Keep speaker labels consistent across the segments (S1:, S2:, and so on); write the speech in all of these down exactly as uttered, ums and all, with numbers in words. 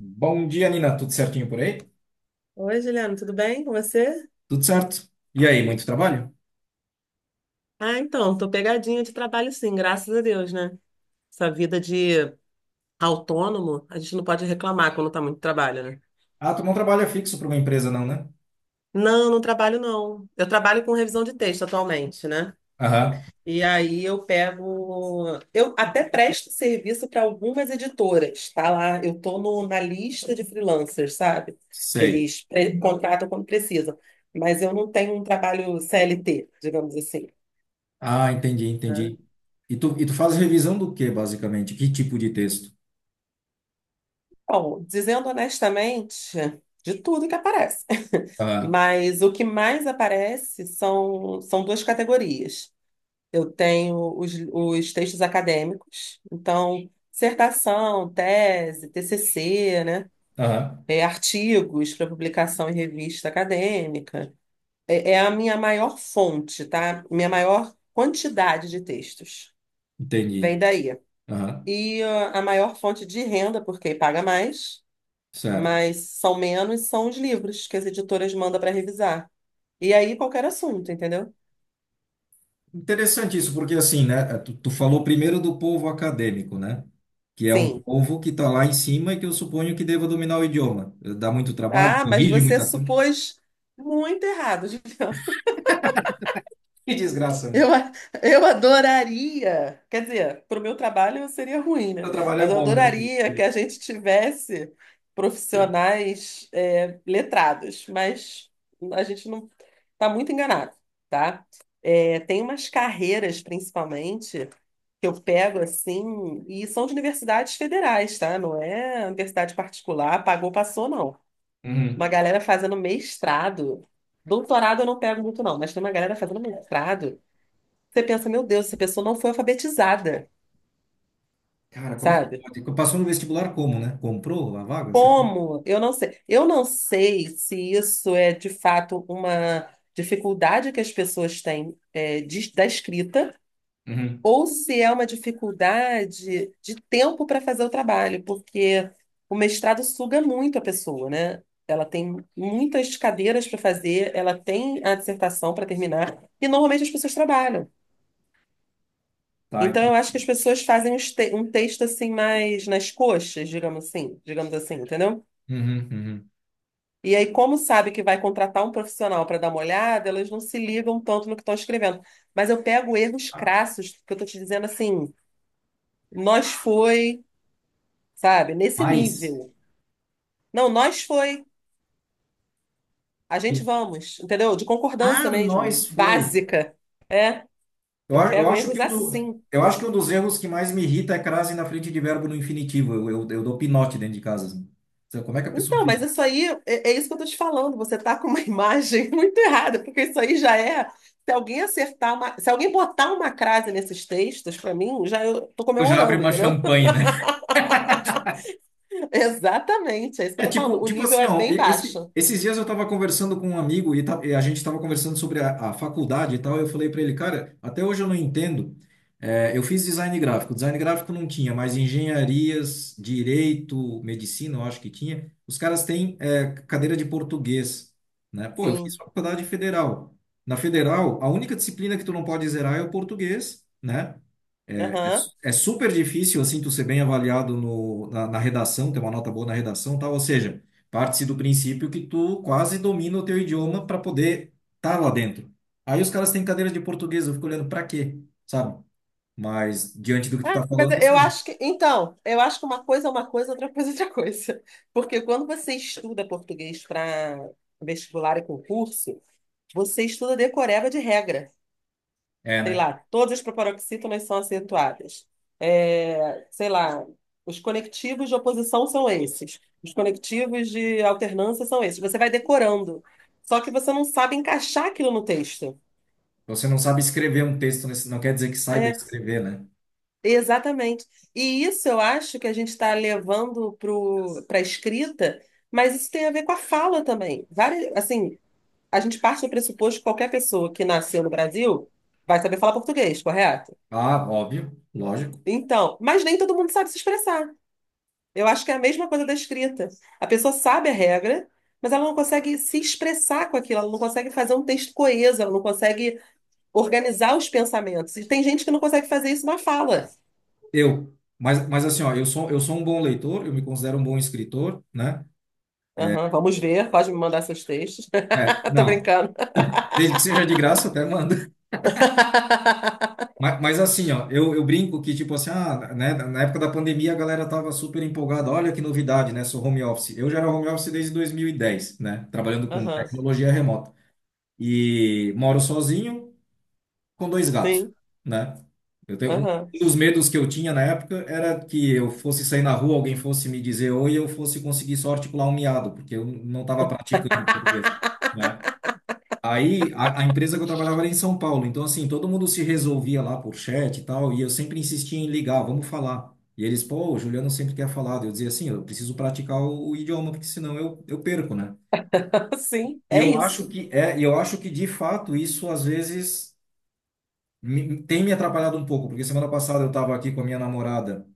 S1: Bom dia, Nina. Tudo certinho por aí?
S2: Oi, Juliana, tudo bem com você?
S1: Tudo certo. E aí, muito trabalho?
S2: Ah, então, tô pegadinha de trabalho, sim, graças a Deus, né? Essa vida de autônomo, a gente não pode reclamar quando tá muito trabalho, né?
S1: Ah, tu não trabalha fixo para uma empresa, não, né?
S2: Não, não trabalho, não. Eu trabalho com revisão de texto atualmente, né?
S1: Aham,
S2: E aí eu pego, eu até presto serviço para algumas editoras, tá, lá eu tô no- na lista de freelancers, sabe? Que
S1: sei.
S2: eles pre- contratam quando precisam, mas eu não tenho um trabalho C L T, digamos assim,
S1: Ah, entendi,
S2: né?
S1: entendi. E tu, e tu faz revisão do que, basicamente? Que tipo de texto?
S2: Bom, dizendo honestamente, de tudo que aparece.
S1: Ah,
S2: Mas o que mais aparece são, são duas categorias. Eu tenho os, os textos acadêmicos, então, dissertação, tese, T C C, né?
S1: aham,
S2: É, artigos para publicação em revista acadêmica. É, é a minha maior fonte, tá? Minha maior quantidade de textos.
S1: entendi.
S2: Vem daí.
S1: Aham,
S2: E ah, a maior fonte de renda, porque paga mais,
S1: certo.
S2: mas são menos, são os livros que as editoras mandam para revisar. E aí qualquer assunto, entendeu?
S1: Interessante isso, porque assim, né? é, Tu, tu falou primeiro do povo acadêmico, né? Que é um
S2: Sim.
S1: povo que está lá em cima e que eu suponho que deva dominar o idioma. Dá muito trabalho,
S2: Ah, mas
S1: corrige
S2: você
S1: muita coisa.
S2: supôs muito errado.
S1: Que desgraça, né?
S2: Eu, a- eu adoraria, quer dizer, para o meu trabalho seria ruim,
S1: O
S2: né?
S1: trabalho é
S2: Mas eu
S1: bom, né? que-
S2: adoraria que a gente tivesse profissionais é, letrados, mas a gente não tá muito enganado, tá? É, tem umas carreiras, principalmente, que eu pego assim, e são de universidades federais, tá? Não é universidade particular, pagou, passou, não. Uma
S1: Uhum.
S2: galera fazendo mestrado. Doutorado eu não pego muito, não, mas tem uma galera fazendo mestrado. Você pensa, meu Deus, essa pessoa não foi alfabetizada,
S1: Cara, como é que
S2: sabe?
S1: pode? Passou no vestibular como, né? Comprou a vaga? Será?
S2: Como? Eu não sei. Eu não sei se isso é de fato uma dificuldade que as pessoas têm, é, de- da escrita,
S1: Uhum.
S2: ou se é uma dificuldade de tempo para fazer o trabalho, porque o mestrado suga muito a pessoa, né? Ela tem muitas cadeiras para fazer, ela tem a dissertação para terminar, e normalmente as pessoas trabalham.
S1: Tá,
S2: Então, eu
S1: entendi.
S2: acho que as pessoas fazem uns te- um texto assim, mais nas coxas, digamos assim, digamos assim, entendeu?
S1: Uhum, uhum.
S2: E aí, como sabe que vai contratar um profissional para dar uma olhada, elas não se ligam tanto no que estão escrevendo. Mas eu pego erros crassos, que eu estou te dizendo, assim, nós foi. Sabe? Nesse
S1: Mas,
S2: nível. Não, nós foi. A gente vamos, entendeu? De
S1: ah,
S2: concordância mesmo,
S1: nós foi.
S2: básica.
S1: Eu,
S2: Eu
S1: a- eu
S2: pego
S1: acho
S2: erros
S1: que um do,
S2: assim.
S1: eu acho que um dos erros que mais me irrita é crase na frente de verbo no infinitivo. Eu, eu, eu dou pinote dentro de casa. Assim. Então, como é que a pessoa
S2: Então,
S1: fez?
S2: mas isso aí, é, é isso que eu tô te falando. Você tá com uma imagem muito errada, porque isso aí já é. Se alguém acertar uma, se alguém botar uma crase nesses textos, para mim, já eu tô
S1: Eu já abre
S2: comemorando,
S1: uma
S2: entendeu?
S1: champanhe, né?
S2: Exatamente, é isso que eu
S1: É
S2: tô falando.
S1: tipo,
S2: O
S1: tipo
S2: nível
S1: assim,
S2: é
S1: ó, e-
S2: bem
S1: esse-
S2: baixo.
S1: esses dias eu tava conversando com um amigo e, ta- e a gente tava conversando sobre a, a faculdade e tal. Eu falei para ele, cara, até hoje eu não entendo. É, eu fiz design gráfico, design gráfico não tinha, mas engenharias, direito, medicina, eu acho que tinha. Os caras têm é, cadeira de português, né? Pô, eu fiz
S2: Sim.
S1: faculdade federal. Na federal, a única disciplina que tu não pode zerar é o português, né? É
S2: Aham.
S1: é super difícil, assim, tu ser bem avaliado no, na, na redação, ter uma nota boa na redação, tá? Ou seja, parte-se do princípio que tu quase domina o teu idioma para poder estar lá dentro. Aí os caras têm cadeira de português, eu fico olhando pra quê, sabe? Mas diante do que tu
S2: Ah,
S1: tá
S2: mas
S1: falando,
S2: eu
S1: assim,
S2: acho que, então, eu acho que uma coisa é uma coisa, outra coisa é outra coisa. Porque quando você estuda português para vestibular e concurso, você estuda decoreba de regra.
S1: é,
S2: Sei
S1: né?
S2: lá, todas as proparoxítonas são acentuadas. É, sei lá, os conectivos de oposição são esses. Os conectivos de alternância são esses. Você vai decorando. Só que você não sabe encaixar aquilo no texto.
S1: Você não sabe escrever um texto, nesse, não quer dizer que saiba
S2: É,
S1: escrever, né?
S2: Exatamente. E isso eu acho que a gente está levando para a escrita, mas isso tem a ver com a fala também. Várias, assim, a gente parte do pressuposto que qualquer pessoa que nasceu no Brasil vai saber falar português, correto?
S1: Ah, óbvio, lógico.
S2: Então, mas nem todo mundo sabe se expressar. Eu acho que é a mesma coisa da escrita. A pessoa sabe a regra, mas ela não consegue se expressar com aquilo, ela não consegue fazer um texto coeso, ela não consegue organizar os pensamentos. E tem gente que não consegue fazer isso na fala.
S1: Eu. Mas, mas assim, ó, eu sou, eu sou um bom leitor, eu me considero um bom escritor, né?
S2: Aham, vamos ver, pode me mandar seus textos.
S1: É,
S2: Eu tô
S1: não.
S2: brincando.
S1: Desde que seja de graça, até mando. Mas, mas assim, ó, eu, eu brinco que, tipo assim, ah, né, na época da pandemia a galera tava super empolgada, olha que novidade, né, sou home office. Eu já era home office desde dois mil e dez, né, trabalhando com
S2: Aham.
S1: tecnologia remota. E moro sozinho com dois gatos,
S2: Sim.
S1: né? Eu tenho, um
S2: Aham.
S1: um dos medos que eu tinha na época era que eu fosse sair na rua, alguém fosse me dizer oi, e eu fosse conseguir só articular um miado, porque eu não estava praticando português, né? Aí a, a empresa que eu trabalhava era em São Paulo, então assim, todo mundo se resolvia lá por chat e tal, e eu sempre insistia em ligar, vamos falar. E eles, pô, o Juliano sempre quer falar. Daí eu dizia assim, eu preciso praticar o, o idioma, porque senão eu, eu perco, né?
S2: Sim,
S1: E
S2: é
S1: eu acho
S2: isso.
S1: que é, e eu acho que de fato isso às vezes me- tem me atrapalhado um pouco, porque semana passada eu estava aqui com a minha namorada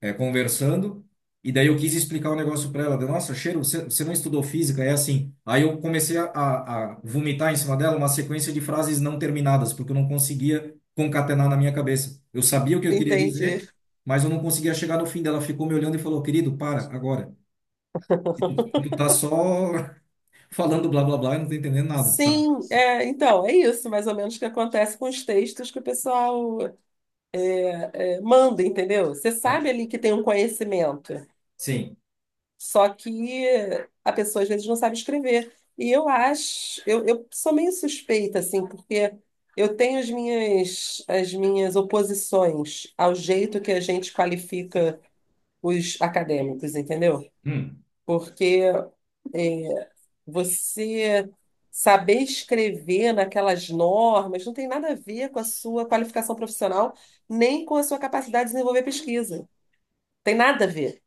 S1: é, conversando, e daí eu quis explicar o negócio para ela. Deu, nossa, cheiro, você, você não estudou física? É assim. Aí eu comecei a, a, a vomitar em cima dela uma sequência de frases não terminadas, porque eu não conseguia concatenar na minha cabeça. Eu sabia o que eu queria
S2: Entendi.
S1: dizer, mas eu não conseguia chegar no fim dela. Ela ficou me olhando e falou, querido, para, agora. E tu, tu tá só falando blá blá blá e não tá entendendo nada, sabe?
S2: Sim, é, então, é isso mais ou menos que acontece com os textos que o pessoal é, manda, entendeu? Você sabe ali que tem um conhecimento,
S1: Sim.
S2: só que a pessoa às vezes não sabe escrever. E eu acho, eu, eu sou meio suspeita, assim, porque eu tenho as minhas, as minhas oposições ao jeito que a gente qualifica os acadêmicos, entendeu?
S1: Hum.
S2: Porque é, você saber escrever naquelas normas não tem nada a ver com a sua qualificação profissional, nem com a sua capacidade de desenvolver pesquisa. Tem nada a ver.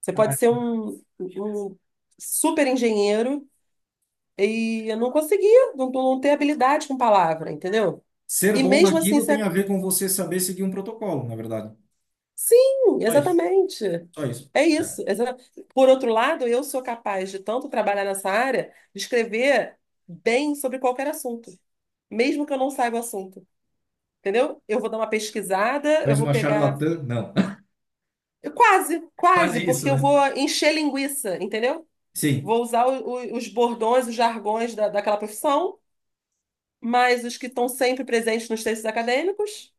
S2: Você pode
S1: Ah,
S2: ser um, um super engenheiro e não conseguir, não, não ter habilidade com palavra, entendeu?
S1: ser
S2: E
S1: bom
S2: mesmo assim
S1: naquilo tem
S2: ser,
S1: a ver com você saber seguir um protocolo, na verdade.
S2: sim,
S1: Só isso,
S2: exatamente.
S1: só isso.
S2: É isso. exa- Por outro lado, eu sou capaz de tanto trabalhar nessa área, de escrever bem sobre qualquer assunto, mesmo que eu não saiba o assunto. Entendeu? Eu vou dar uma pesquisada, eu
S1: Faz
S2: vou
S1: uma
S2: pegar.
S1: charlatã? Não.
S2: Eu Quase, quase,
S1: Quase isso,
S2: porque eu
S1: né?
S2: vou encher linguiça, entendeu?
S1: Sim.
S2: Vou usar o- o- os bordões, os jargões da, daquela profissão, mas os que estão sempre presentes nos textos acadêmicos,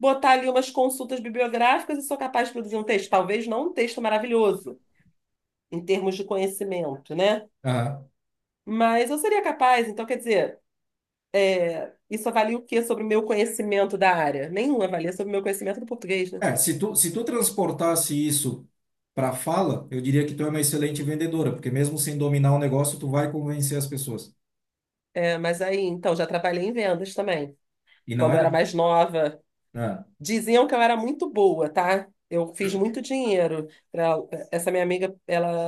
S2: botar ali umas consultas bibliográficas e sou capaz de produzir um texto. Talvez não um texto maravilhoso em termos de conhecimento, né?
S1: Aham.
S2: Mas eu seria capaz, então, quer dizer, isso avalia o quê sobre o meu conhecimento da área? Nenhum avalia sobre o meu conhecimento do português, né?
S1: É, se tu, se tu transportasse isso para fala, eu diria que tu é uma excelente vendedora, porque mesmo sem dominar o negócio, tu vai convencer as pessoas.
S2: É, mas aí, então, já trabalhei em vendas também.
S1: E não
S2: Quando eu era
S1: era?
S2: mais nova,
S1: Ah,
S2: diziam que eu era muito boa, tá? Eu fiz muito dinheiro. pra- Essa minha amiga, ela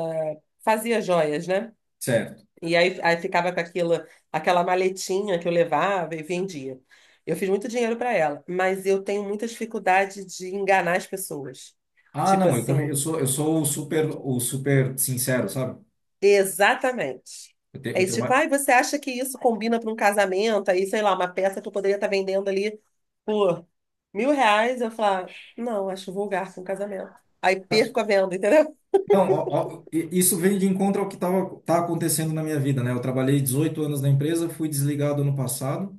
S2: fazia joias, né?
S1: certo.
S2: E aí, aí ficava com aquela, aquela maletinha que eu levava e vendia. Eu fiz muito dinheiro para ela, mas eu tenho muita dificuldade de enganar as pessoas.
S1: Ah,
S2: Tipo
S1: não, eu também, eu
S2: assim,
S1: sou, eu sou o super, o super sincero, sabe?
S2: exatamente.
S1: Eu, te, eu
S2: Aí,
S1: tenho
S2: tipo,
S1: uma...
S2: ai, você acha que isso combina para um casamento? Aí, sei lá, uma peça que eu poderia estar vendendo ali por mil reais, eu falo não, acho vulgar para um casamento. Aí perco a venda, entendeu?
S1: Não, ó, ó, i- isso vem de encontro ao que tava, tá acontecendo na minha vida, né? Eu trabalhei dezoito anos na empresa, fui desligado ano passado,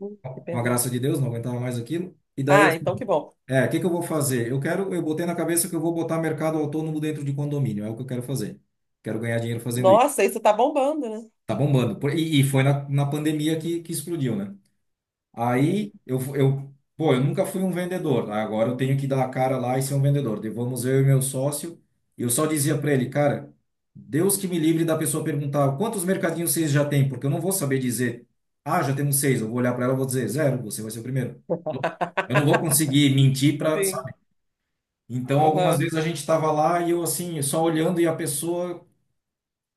S2: Hum, Que
S1: com a
S2: pena.
S1: graça de Deus, não aguentava mais aquilo. E daí
S2: Ah, então que bom.
S1: é, o que que eu vou fazer? Eu quero, eu botei na cabeça que eu vou botar mercado autônomo dentro de condomínio, é o que eu quero fazer. Quero ganhar dinheiro fazendo isso.
S2: Nossa, isso tá bombando, né?
S1: Tá bombando. Por- E, e foi na, na pandemia que, que explodiu, né?
S2: Hum.
S1: Aí eu, fu- eu, pô, eu nunca fui um vendedor. Né? Agora eu tenho que dar a cara lá e ser um vendedor. Daí vamos eu e meu sócio. E eu só dizia para ele, cara, Deus que me livre da pessoa perguntar quantos mercadinhos vocês já têm, porque eu não vou saber dizer, ah, já temos seis. Eu vou olhar para ela e vou dizer zero, você vai ser o primeiro. Eu não vou conseguir mentir para.
S2: Sim.
S1: Então, algumas
S2: Aham.
S1: vezes a gente estava lá e eu assim, só olhando e a pessoa,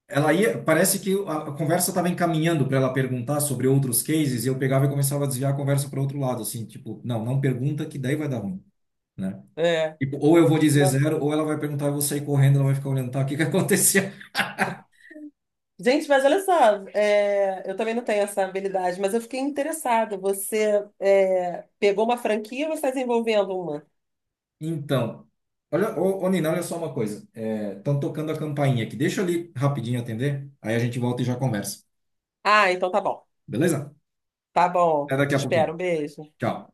S1: ela ia, parece que a a conversa estava encaminhando para ela perguntar sobre outros cases, e eu pegava e começava a desviar a conversa para outro lado, assim, tipo, não, não pergunta que daí vai dar ruim, né?
S2: É.
S1: Tipo, ou eu vou dizer
S2: Não.
S1: zero, ou ela vai perguntar, eu vou sair correndo, ela vai ficar olhando, tá, o que que aconteceu?
S2: Gente, mas olha só, é, eu também não tenho essa habilidade, mas eu fiquei interessada. Você é, pegou uma franquia ou você está desenvolvendo uma?
S1: Então, olha, ô, ô Nina, olha só uma coisa, estão tocando a campainha aqui, deixa eu ali rapidinho atender, aí a gente volta e já conversa,
S2: Ah, então tá bom.
S1: beleza?
S2: Tá bom.
S1: Até daqui
S2: Te
S1: a
S2: espero.
S1: pouquinho.
S2: Um beijo.
S1: Tchau.